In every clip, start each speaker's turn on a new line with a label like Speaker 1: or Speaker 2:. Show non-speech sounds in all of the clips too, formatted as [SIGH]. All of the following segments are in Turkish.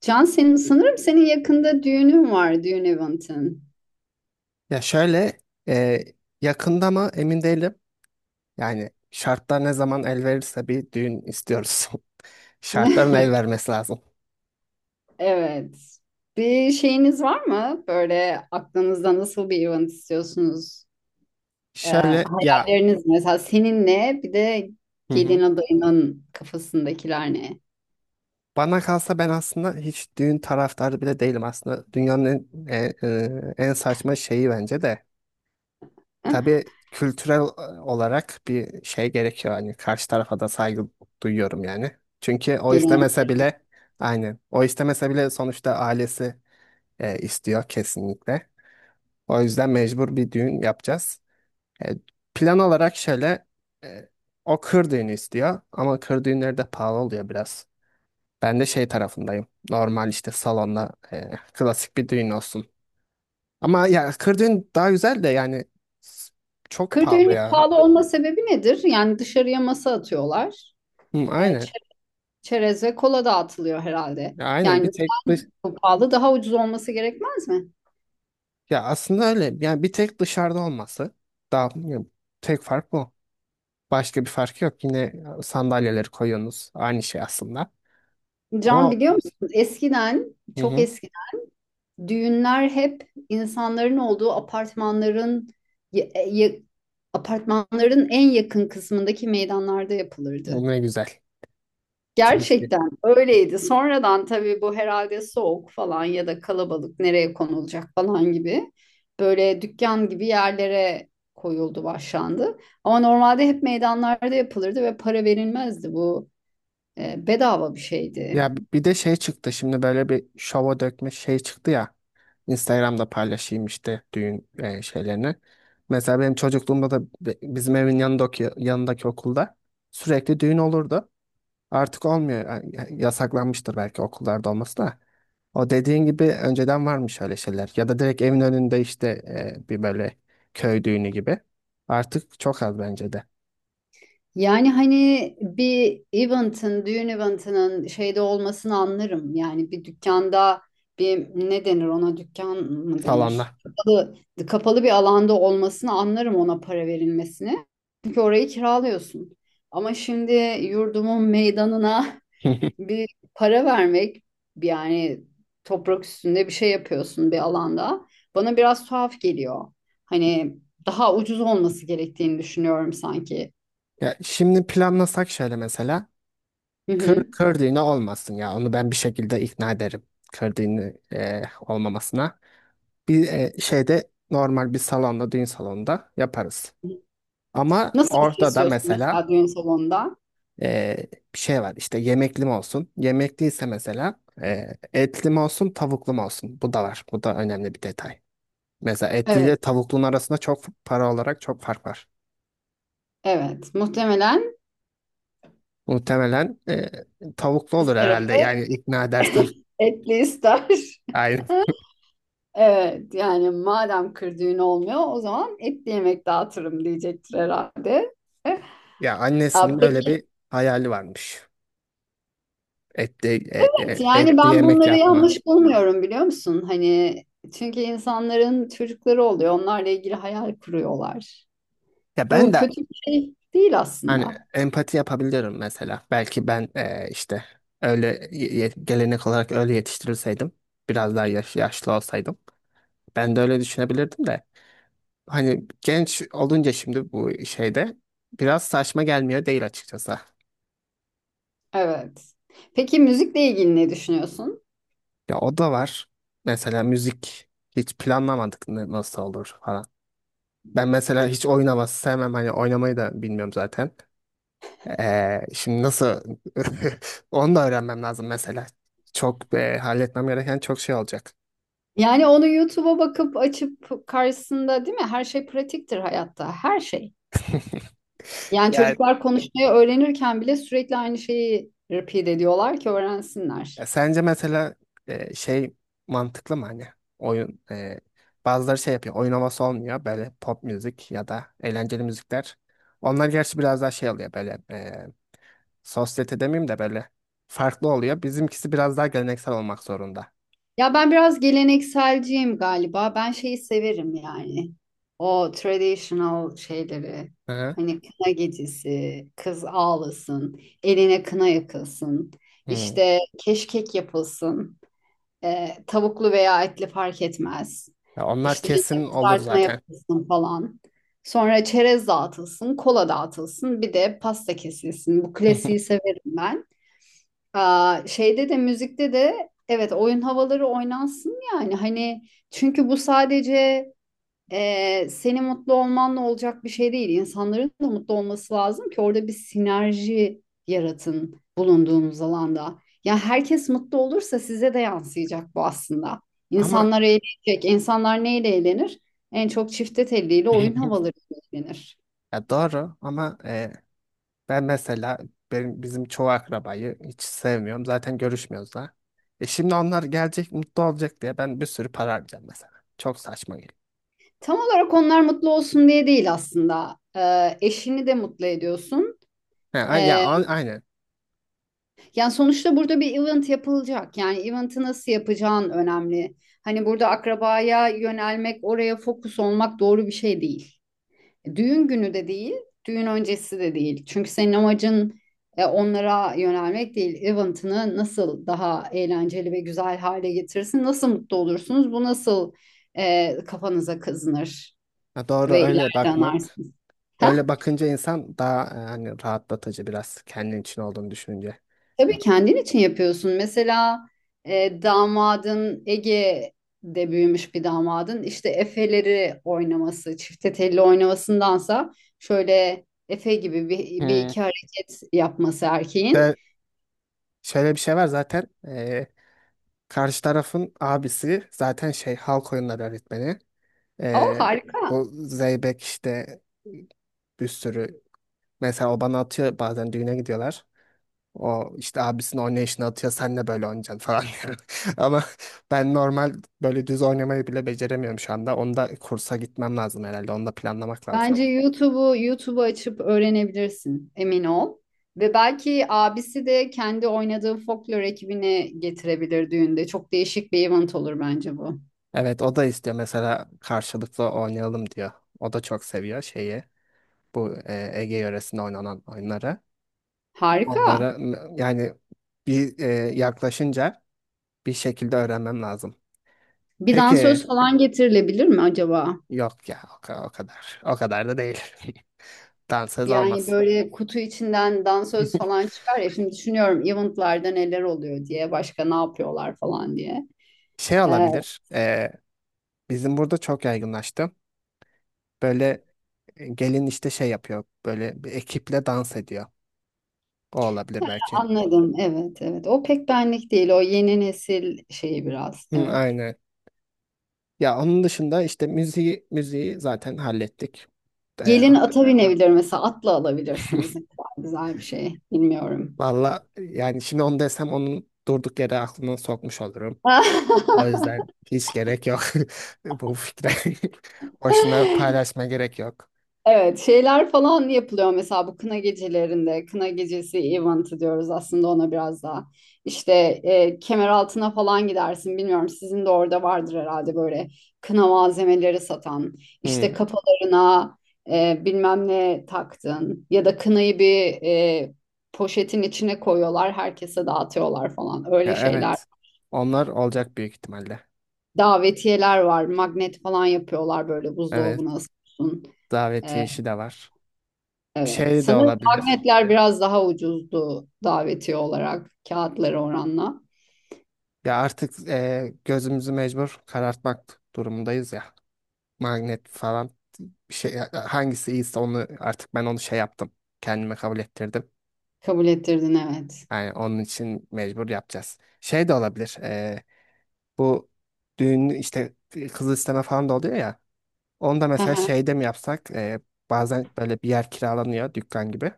Speaker 1: Can senin sanırım senin yakında düğünün var, düğün eventin.
Speaker 2: Ya şöyle, e, yakında mı emin değilim. Yani şartlar ne zaman el verirse bir düğün istiyoruz. [LAUGHS] Şartların el
Speaker 1: [LAUGHS]
Speaker 2: vermesi lazım.
Speaker 1: Evet. Bir şeyiniz var mı? Böyle aklınızda nasıl bir event istiyorsunuz?
Speaker 2: Şöyle ya.
Speaker 1: Hayalleriniz mesela senin ne? Bir de
Speaker 2: Hı
Speaker 1: gelin
Speaker 2: hı.
Speaker 1: adayının kafasındakiler ne?
Speaker 2: Bana kalsa ben aslında hiç düğün taraftarı bile değilim aslında. Dünyanın en saçma şeyi bence de.
Speaker 1: [LAUGHS]
Speaker 2: Tabii, kültürel olarak bir şey gerekiyor. Hani karşı tarafa da saygı duyuyorum yani. Çünkü o
Speaker 1: Gelenek.
Speaker 2: istemese bile aynen o istemese bile sonuçta ailesi istiyor kesinlikle. O yüzden mecbur bir düğün yapacağız. E, Plan olarak şöyle, e, o kır düğünü istiyor ama kır düğünleri de pahalı oluyor biraz. Ben de şey tarafındayım. Normal işte salonda klasik bir düğün olsun. Ama ya kır düğün daha güzel de yani, s- çok
Speaker 1: Kır
Speaker 2: pahalı
Speaker 1: düğünü
Speaker 2: ya.
Speaker 1: pahalı olma sebebi nedir? Yani dışarıya masa atıyorlar.
Speaker 2: Hı,
Speaker 1: Ee, çe-
Speaker 2: aynen.
Speaker 1: Çerez ve kola dağıtılıyor herhalde.
Speaker 2: Ya aynen
Speaker 1: Yani
Speaker 2: bir tek dış.
Speaker 1: neden bu pahalı, daha ucuz olması gerekmez mi?
Speaker 2: Ya aslında öyle. Yani bir tek dışarıda olması daha ya, tek fark bu. Başka bir fark yok. Yine sandalyeleri koyuyorsunuz. Aynı şey aslında.
Speaker 1: Can
Speaker 2: Ama.
Speaker 1: biliyor musun? Eskiden,
Speaker 2: Hı
Speaker 1: çok
Speaker 2: hı.
Speaker 1: eskiden düğünler hep insanların olduğu apartmanların ya- ya- apartmanların en yakın kısmındaki meydanlarda
Speaker 2: O
Speaker 1: yapılırdı.
Speaker 2: ne güzel. Keşke.
Speaker 1: Gerçekten öyleydi. Sonradan tabii bu herhalde soğuk falan ya da kalabalık nereye konulacak falan gibi böyle dükkan gibi yerlere koyuldu, başlandı. Ama normalde hep meydanlarda yapılırdı ve para verilmezdi bu. E, bedava bir şeydi.
Speaker 2: Ya bir de şey çıktı şimdi, böyle bir şova dökme şey çıktı ya. Instagram'da paylaşayım işte düğün şeylerini. Mesela benim çocukluğumda da bizim evin yanındaki okulda sürekli düğün olurdu. Artık olmuyor. Yani yasaklanmıştır belki okullarda olması da. O dediğin gibi önceden varmış öyle şeyler. Ya da direkt evin önünde işte, bir böyle köy düğünü gibi. Artık çok az bence de.
Speaker 1: Yani hani bir event'ın, düğün event'ının şeyde olmasını anlarım. Yani bir dükkanda bir ne denir ona, dükkan mı denir?
Speaker 2: Salonlar.
Speaker 1: Kapalı, kapalı bir alanda olmasını anlarım, ona para verilmesini. Çünkü orayı kiralıyorsun. Ama şimdi yurdumun meydanına
Speaker 2: [LAUGHS]
Speaker 1: [LAUGHS] bir para vermek, yani toprak üstünde bir şey yapıyorsun bir alanda. Bana biraz tuhaf geliyor. Hani daha ucuz olması gerektiğini düşünüyorum sanki.
Speaker 2: Ya şimdi planlasak şöyle mesela.
Speaker 1: Hı
Speaker 2: Kır,
Speaker 1: hı.
Speaker 2: kır düğünü olmasın ya. Onu ben bir şekilde ikna ederim. Kır düğünü olmamasına. Bir şeyde normal bir salonda, düğün salonunda yaparız. Ama
Speaker 1: Nasıl bir şey
Speaker 2: orada da
Speaker 1: istiyorsun
Speaker 2: mesela
Speaker 1: mesela düğün salonunda?
Speaker 2: e, bir şey var. İşte yemekli mi olsun? Yemekliyse mesela etli mi olsun, tavuklu mu olsun? Bu da var. Bu da önemli bir detay. Mesela etli ile
Speaker 1: Evet,
Speaker 2: tavuklunun arasında çok para olarak çok fark var.
Speaker 1: evet. Muhtemelen
Speaker 2: Muhtemelen tavuklu
Speaker 1: kız
Speaker 2: olur herhalde.
Speaker 1: tarafı
Speaker 2: Yani ikna edersem.
Speaker 1: etli ister. [LAUGHS]
Speaker 2: [LAUGHS]
Speaker 1: Evet, yani madem kır düğünü olmuyor, o zaman etli yemek dağıtırım diyecektir herhalde.
Speaker 2: Ya
Speaker 1: Ya
Speaker 2: annesinin öyle
Speaker 1: peki
Speaker 2: bir hayali varmış. Etli, e- e-
Speaker 1: evet, yani
Speaker 2: etli
Speaker 1: ben
Speaker 2: yemek
Speaker 1: bunları
Speaker 2: yapma.
Speaker 1: yanlış bulmuyorum biliyor musun? Hani çünkü insanların çocukları oluyor. Onlarla ilgili hayal kuruyorlar.
Speaker 2: Ya ben
Speaker 1: Bu
Speaker 2: de
Speaker 1: kötü bir şey değil
Speaker 2: hani
Speaker 1: aslında.
Speaker 2: empati yapabiliyorum mesela. Belki ben işte öyle gelenek olarak öyle yetiştirilseydim. Biraz daha yaşlı olsaydım. Ben de öyle düşünebilirdim de. Hani genç olunca şimdi bu şeyde biraz saçma gelmiyor değil açıkçası.
Speaker 1: Evet. Peki müzikle ilgili ne düşünüyorsun?
Speaker 2: Ya o da var. Mesela müzik hiç planlamadık, nasıl olur falan. Ben mesela hiç oynaması sevmem. Hani oynamayı da bilmiyorum zaten. Şimdi nasıl [LAUGHS] onu da öğrenmem lazım mesela. Çok halletmem gereken çok şey olacak.
Speaker 1: Yani onu YouTube'a bakıp açıp karşısında, değil mi? Her şey pratiktir hayatta. Her şey. Yani
Speaker 2: Yani,
Speaker 1: çocuklar konuşmayı öğrenirken bile sürekli aynı şeyi repeat ediyorlar ki öğrensinler.
Speaker 2: sence mesela şey mantıklı mı, hani oyun bazıları şey yapıyor, oyun havası olmuyor böyle pop müzik ya da eğlenceli müzikler. Onlar gerçi biraz daha şey oluyor böyle, sosyete demeyeyim de böyle farklı oluyor. Bizimkisi biraz daha geleneksel olmak zorunda.
Speaker 1: Ya ben biraz gelenekselciyim galiba. Ben şeyi severim yani. O traditional şeyleri.
Speaker 2: Hı hı.
Speaker 1: Hani kına gecesi, kız ağlasın, eline kına yakılsın,
Speaker 2: Hmm.
Speaker 1: işte keşkek yapılsın. E, tavuklu veya etli fark etmez.
Speaker 2: Ya onlar
Speaker 1: İşte
Speaker 2: kesin
Speaker 1: yanına
Speaker 2: olur
Speaker 1: kızartma
Speaker 2: zaten.
Speaker 1: yapılsın falan. Sonra çerez dağıtılsın, kola dağıtılsın, bir de pasta kesilsin. Bu
Speaker 2: [LAUGHS]
Speaker 1: klasiği severim ben. Aa, şeyde de, müzikte de evet, oyun havaları oynansın yani. Hani çünkü bu sadece senin mutlu olmanla olacak bir şey değil. İnsanların da mutlu olması lazım ki orada bir sinerji yaratın bulunduğunuz alanda. Ya herkes mutlu olursa size de yansıyacak bu aslında.
Speaker 2: Ama
Speaker 1: İnsanlar eğlenecek. İnsanlar neyle eğlenir? En çok çifte telliyle, oyun
Speaker 2: [LAUGHS]
Speaker 1: havalarıyla eğlenir.
Speaker 2: ya doğru, ama Ben mesela benim, bizim çoğu akrabayı hiç sevmiyorum. Zaten görüşmüyoruz da. Şimdi onlar gelecek mutlu olacak diye ben bir sürü para harcayacağım mesela. Çok saçma geliyor.
Speaker 1: Tam olarak onlar mutlu olsun diye değil aslında. Eşini de mutlu ediyorsun.
Speaker 2: Ha, aynen.
Speaker 1: Yani sonuçta burada bir event yapılacak. Yani event'i nasıl yapacağın önemli. Hani burada akrabaya yönelmek, oraya fokus olmak doğru bir şey değil. Düğün günü de değil, düğün öncesi de değil. Çünkü senin amacın onlara yönelmek değil. Event'ını nasıl daha eğlenceli ve güzel hale getirirsin, nasıl mutlu olursunuz, bu nasıl kafanıza kazınır
Speaker 2: Ha, doğru
Speaker 1: ve
Speaker 2: öyle
Speaker 1: ileride
Speaker 2: bakmak.
Speaker 1: anarsınız. Ha?
Speaker 2: Öyle bakınca insan daha hani rahatlatıcı, biraz kendin için olduğunu düşününce.
Speaker 1: Tabii kendin için yapıyorsun. Mesela damadın, Ege'de büyümüş bir damadın, işte Efe'leri oynaması, çifte telli oynamasındansa şöyle Efe gibi bir, bir
Speaker 2: Hmm.
Speaker 1: iki hareket yapması erkeğin.
Speaker 2: Ve şöyle bir şey var zaten, karşı tarafın abisi zaten şey halk oyunları öğretmeni.
Speaker 1: O
Speaker 2: Eee,
Speaker 1: harika.
Speaker 2: Bu Zeybek işte bir sürü. Mesela o bana atıyor bazen, düğüne gidiyorlar. O işte abisinin oynayışını atıyor, sen de böyle oynayacaksın falan diyor. [LAUGHS] Ama ben normal böyle düz oynamayı bile beceremiyorum şu anda. Onu kursa gitmem lazım herhalde. Onu da planlamak lazım.
Speaker 1: Bence YouTube'u açıp öğrenebilirsin. Emin ol. Ve belki abisi de kendi oynadığı folklor ekibini getirebilir düğünde. Çok değişik bir event olur bence bu.
Speaker 2: Evet, o da istiyor mesela, karşılıklı oynayalım diyor. O da çok seviyor şeyi. Bu Ege yöresinde oynanan oyunları.
Speaker 1: Harika.
Speaker 2: Onlara yani bir yaklaşınca bir şekilde öğrenmem lazım.
Speaker 1: Bir
Speaker 2: Peki
Speaker 1: dansöz falan getirilebilir mi acaba?
Speaker 2: yok ya, o kadar. O kadar da değil. Dansöz
Speaker 1: Yani
Speaker 2: olmaz.
Speaker 1: böyle kutu içinden dansöz falan çıkar ya. Şimdi düşünüyorum eventlarda neler oluyor diye, başka ne yapıyorlar falan diye.
Speaker 2: Şey
Speaker 1: Ee,
Speaker 2: olabilir. Bizim burada çok yaygınlaştı. Böyle, gelin işte şey yapıyor. Böyle bir ekiple dans ediyor. O olabilir belki.
Speaker 1: Anladım. Evet, evet. O pek benlik değil. O yeni nesil şeyi biraz.
Speaker 2: Hı,
Speaker 1: Evet.
Speaker 2: aynen. Ya onun dışında işte müziği zaten hallettik. E,
Speaker 1: Gelin ata binebilir mesela. Atla alabilirsiniz. Ne kadar güzel bir şey. Bilmiyorum.
Speaker 2: Valla yani şimdi onu desem onun durduk yere aklına sokmuş olurum. O
Speaker 1: [LAUGHS]
Speaker 2: yüzden hiç gerek yok [LAUGHS] bu fikre. [LAUGHS] Boşuna paylaşma, gerek yok.
Speaker 1: Evet, şeyler falan yapılıyor mesela bu kına gecelerinde. Kına gecesi event'ı diyoruz aslında ona biraz daha. İşte Kemeraltı'na falan gidersin. Bilmiyorum, sizin de orada vardır herhalde böyle kına malzemeleri satan. İşte
Speaker 2: Hı,
Speaker 1: kafalarına bilmem ne taktın ya da kınayı bir poşetin içine koyuyorlar, herkese dağıtıyorlar falan.
Speaker 2: ya
Speaker 1: Öyle şeyler.
Speaker 2: evet. Onlar olacak büyük ihtimalle.
Speaker 1: Davetiyeler var, magnet falan yapıyorlar, böyle
Speaker 2: Evet.
Speaker 1: buzdolabına asıyorsun.
Speaker 2: Davetiye işi de var.
Speaker 1: Evet.
Speaker 2: Şey de
Speaker 1: Sanırım
Speaker 2: olabilir.
Speaker 1: magnetler biraz daha ucuzdu davetiye olarak, kağıtları oranla.
Speaker 2: Ya artık gözümüzü mecbur karartmak durumundayız ya. Magnet falan, bir şey hangisi iyiyse onu artık ben onu şey yaptım. Kendime kabul ettirdim.
Speaker 1: Kabul ettirdin, evet.
Speaker 2: Yani onun için mecbur yapacağız. Şey de olabilir. Bu düğün işte kız isteme falan da oluyor ya. Onu da mesela
Speaker 1: [LAUGHS]
Speaker 2: şeyde mi yapsak? Bazen böyle bir yer kiralanıyor, dükkan gibi.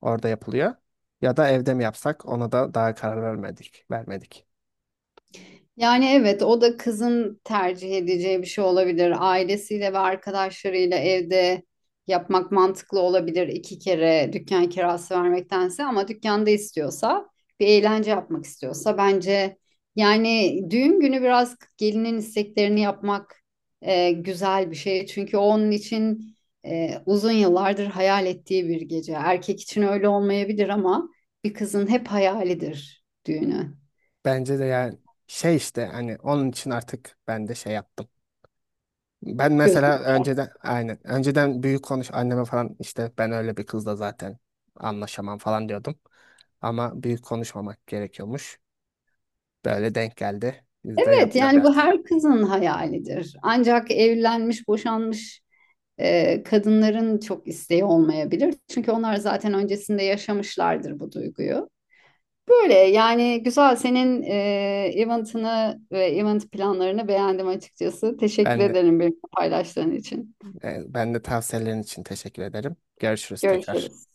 Speaker 2: Orada yapılıyor. Ya da evde mi yapsak? Ona da daha karar vermedik. Vermedik.
Speaker 1: Yani evet, o da kızın tercih edeceği bir şey olabilir. Ailesiyle ve arkadaşlarıyla evde yapmak mantıklı olabilir, iki kere dükkan kirası vermektense. Ama dükkanda istiyorsa, bir eğlence yapmak istiyorsa bence, yani düğün günü biraz gelinin isteklerini yapmak güzel bir şey. Çünkü o onun için uzun yıllardır hayal ettiği bir gece. Erkek için öyle olmayabilir ama bir kızın hep hayalidir düğünü.
Speaker 2: Bence de yani şey işte, hani onun için artık ben de şey yaptım. Ben mesela önceden, aynen önceden büyük konuş anneme falan, işte ben öyle bir kızla zaten anlaşamam falan diyordum. Ama büyük konuşmamak gerekiyormuş. Böyle denk geldi. Biz de
Speaker 1: Evet
Speaker 2: yapacağız
Speaker 1: yani bu
Speaker 2: artık.
Speaker 1: her kızın hayalidir. Ancak evlenmiş, boşanmış kadınların çok isteği olmayabilir. Çünkü onlar zaten öncesinde yaşamışlardır bu duyguyu. Böyle yani güzel, senin eventini ve event planlarını beğendim açıkçası. Teşekkür
Speaker 2: Ben de,
Speaker 1: ederim benimle paylaştığın için.
Speaker 2: ben de tavsiyelerin için teşekkür ederim. Görüşürüz tekrar.
Speaker 1: Görüşürüz.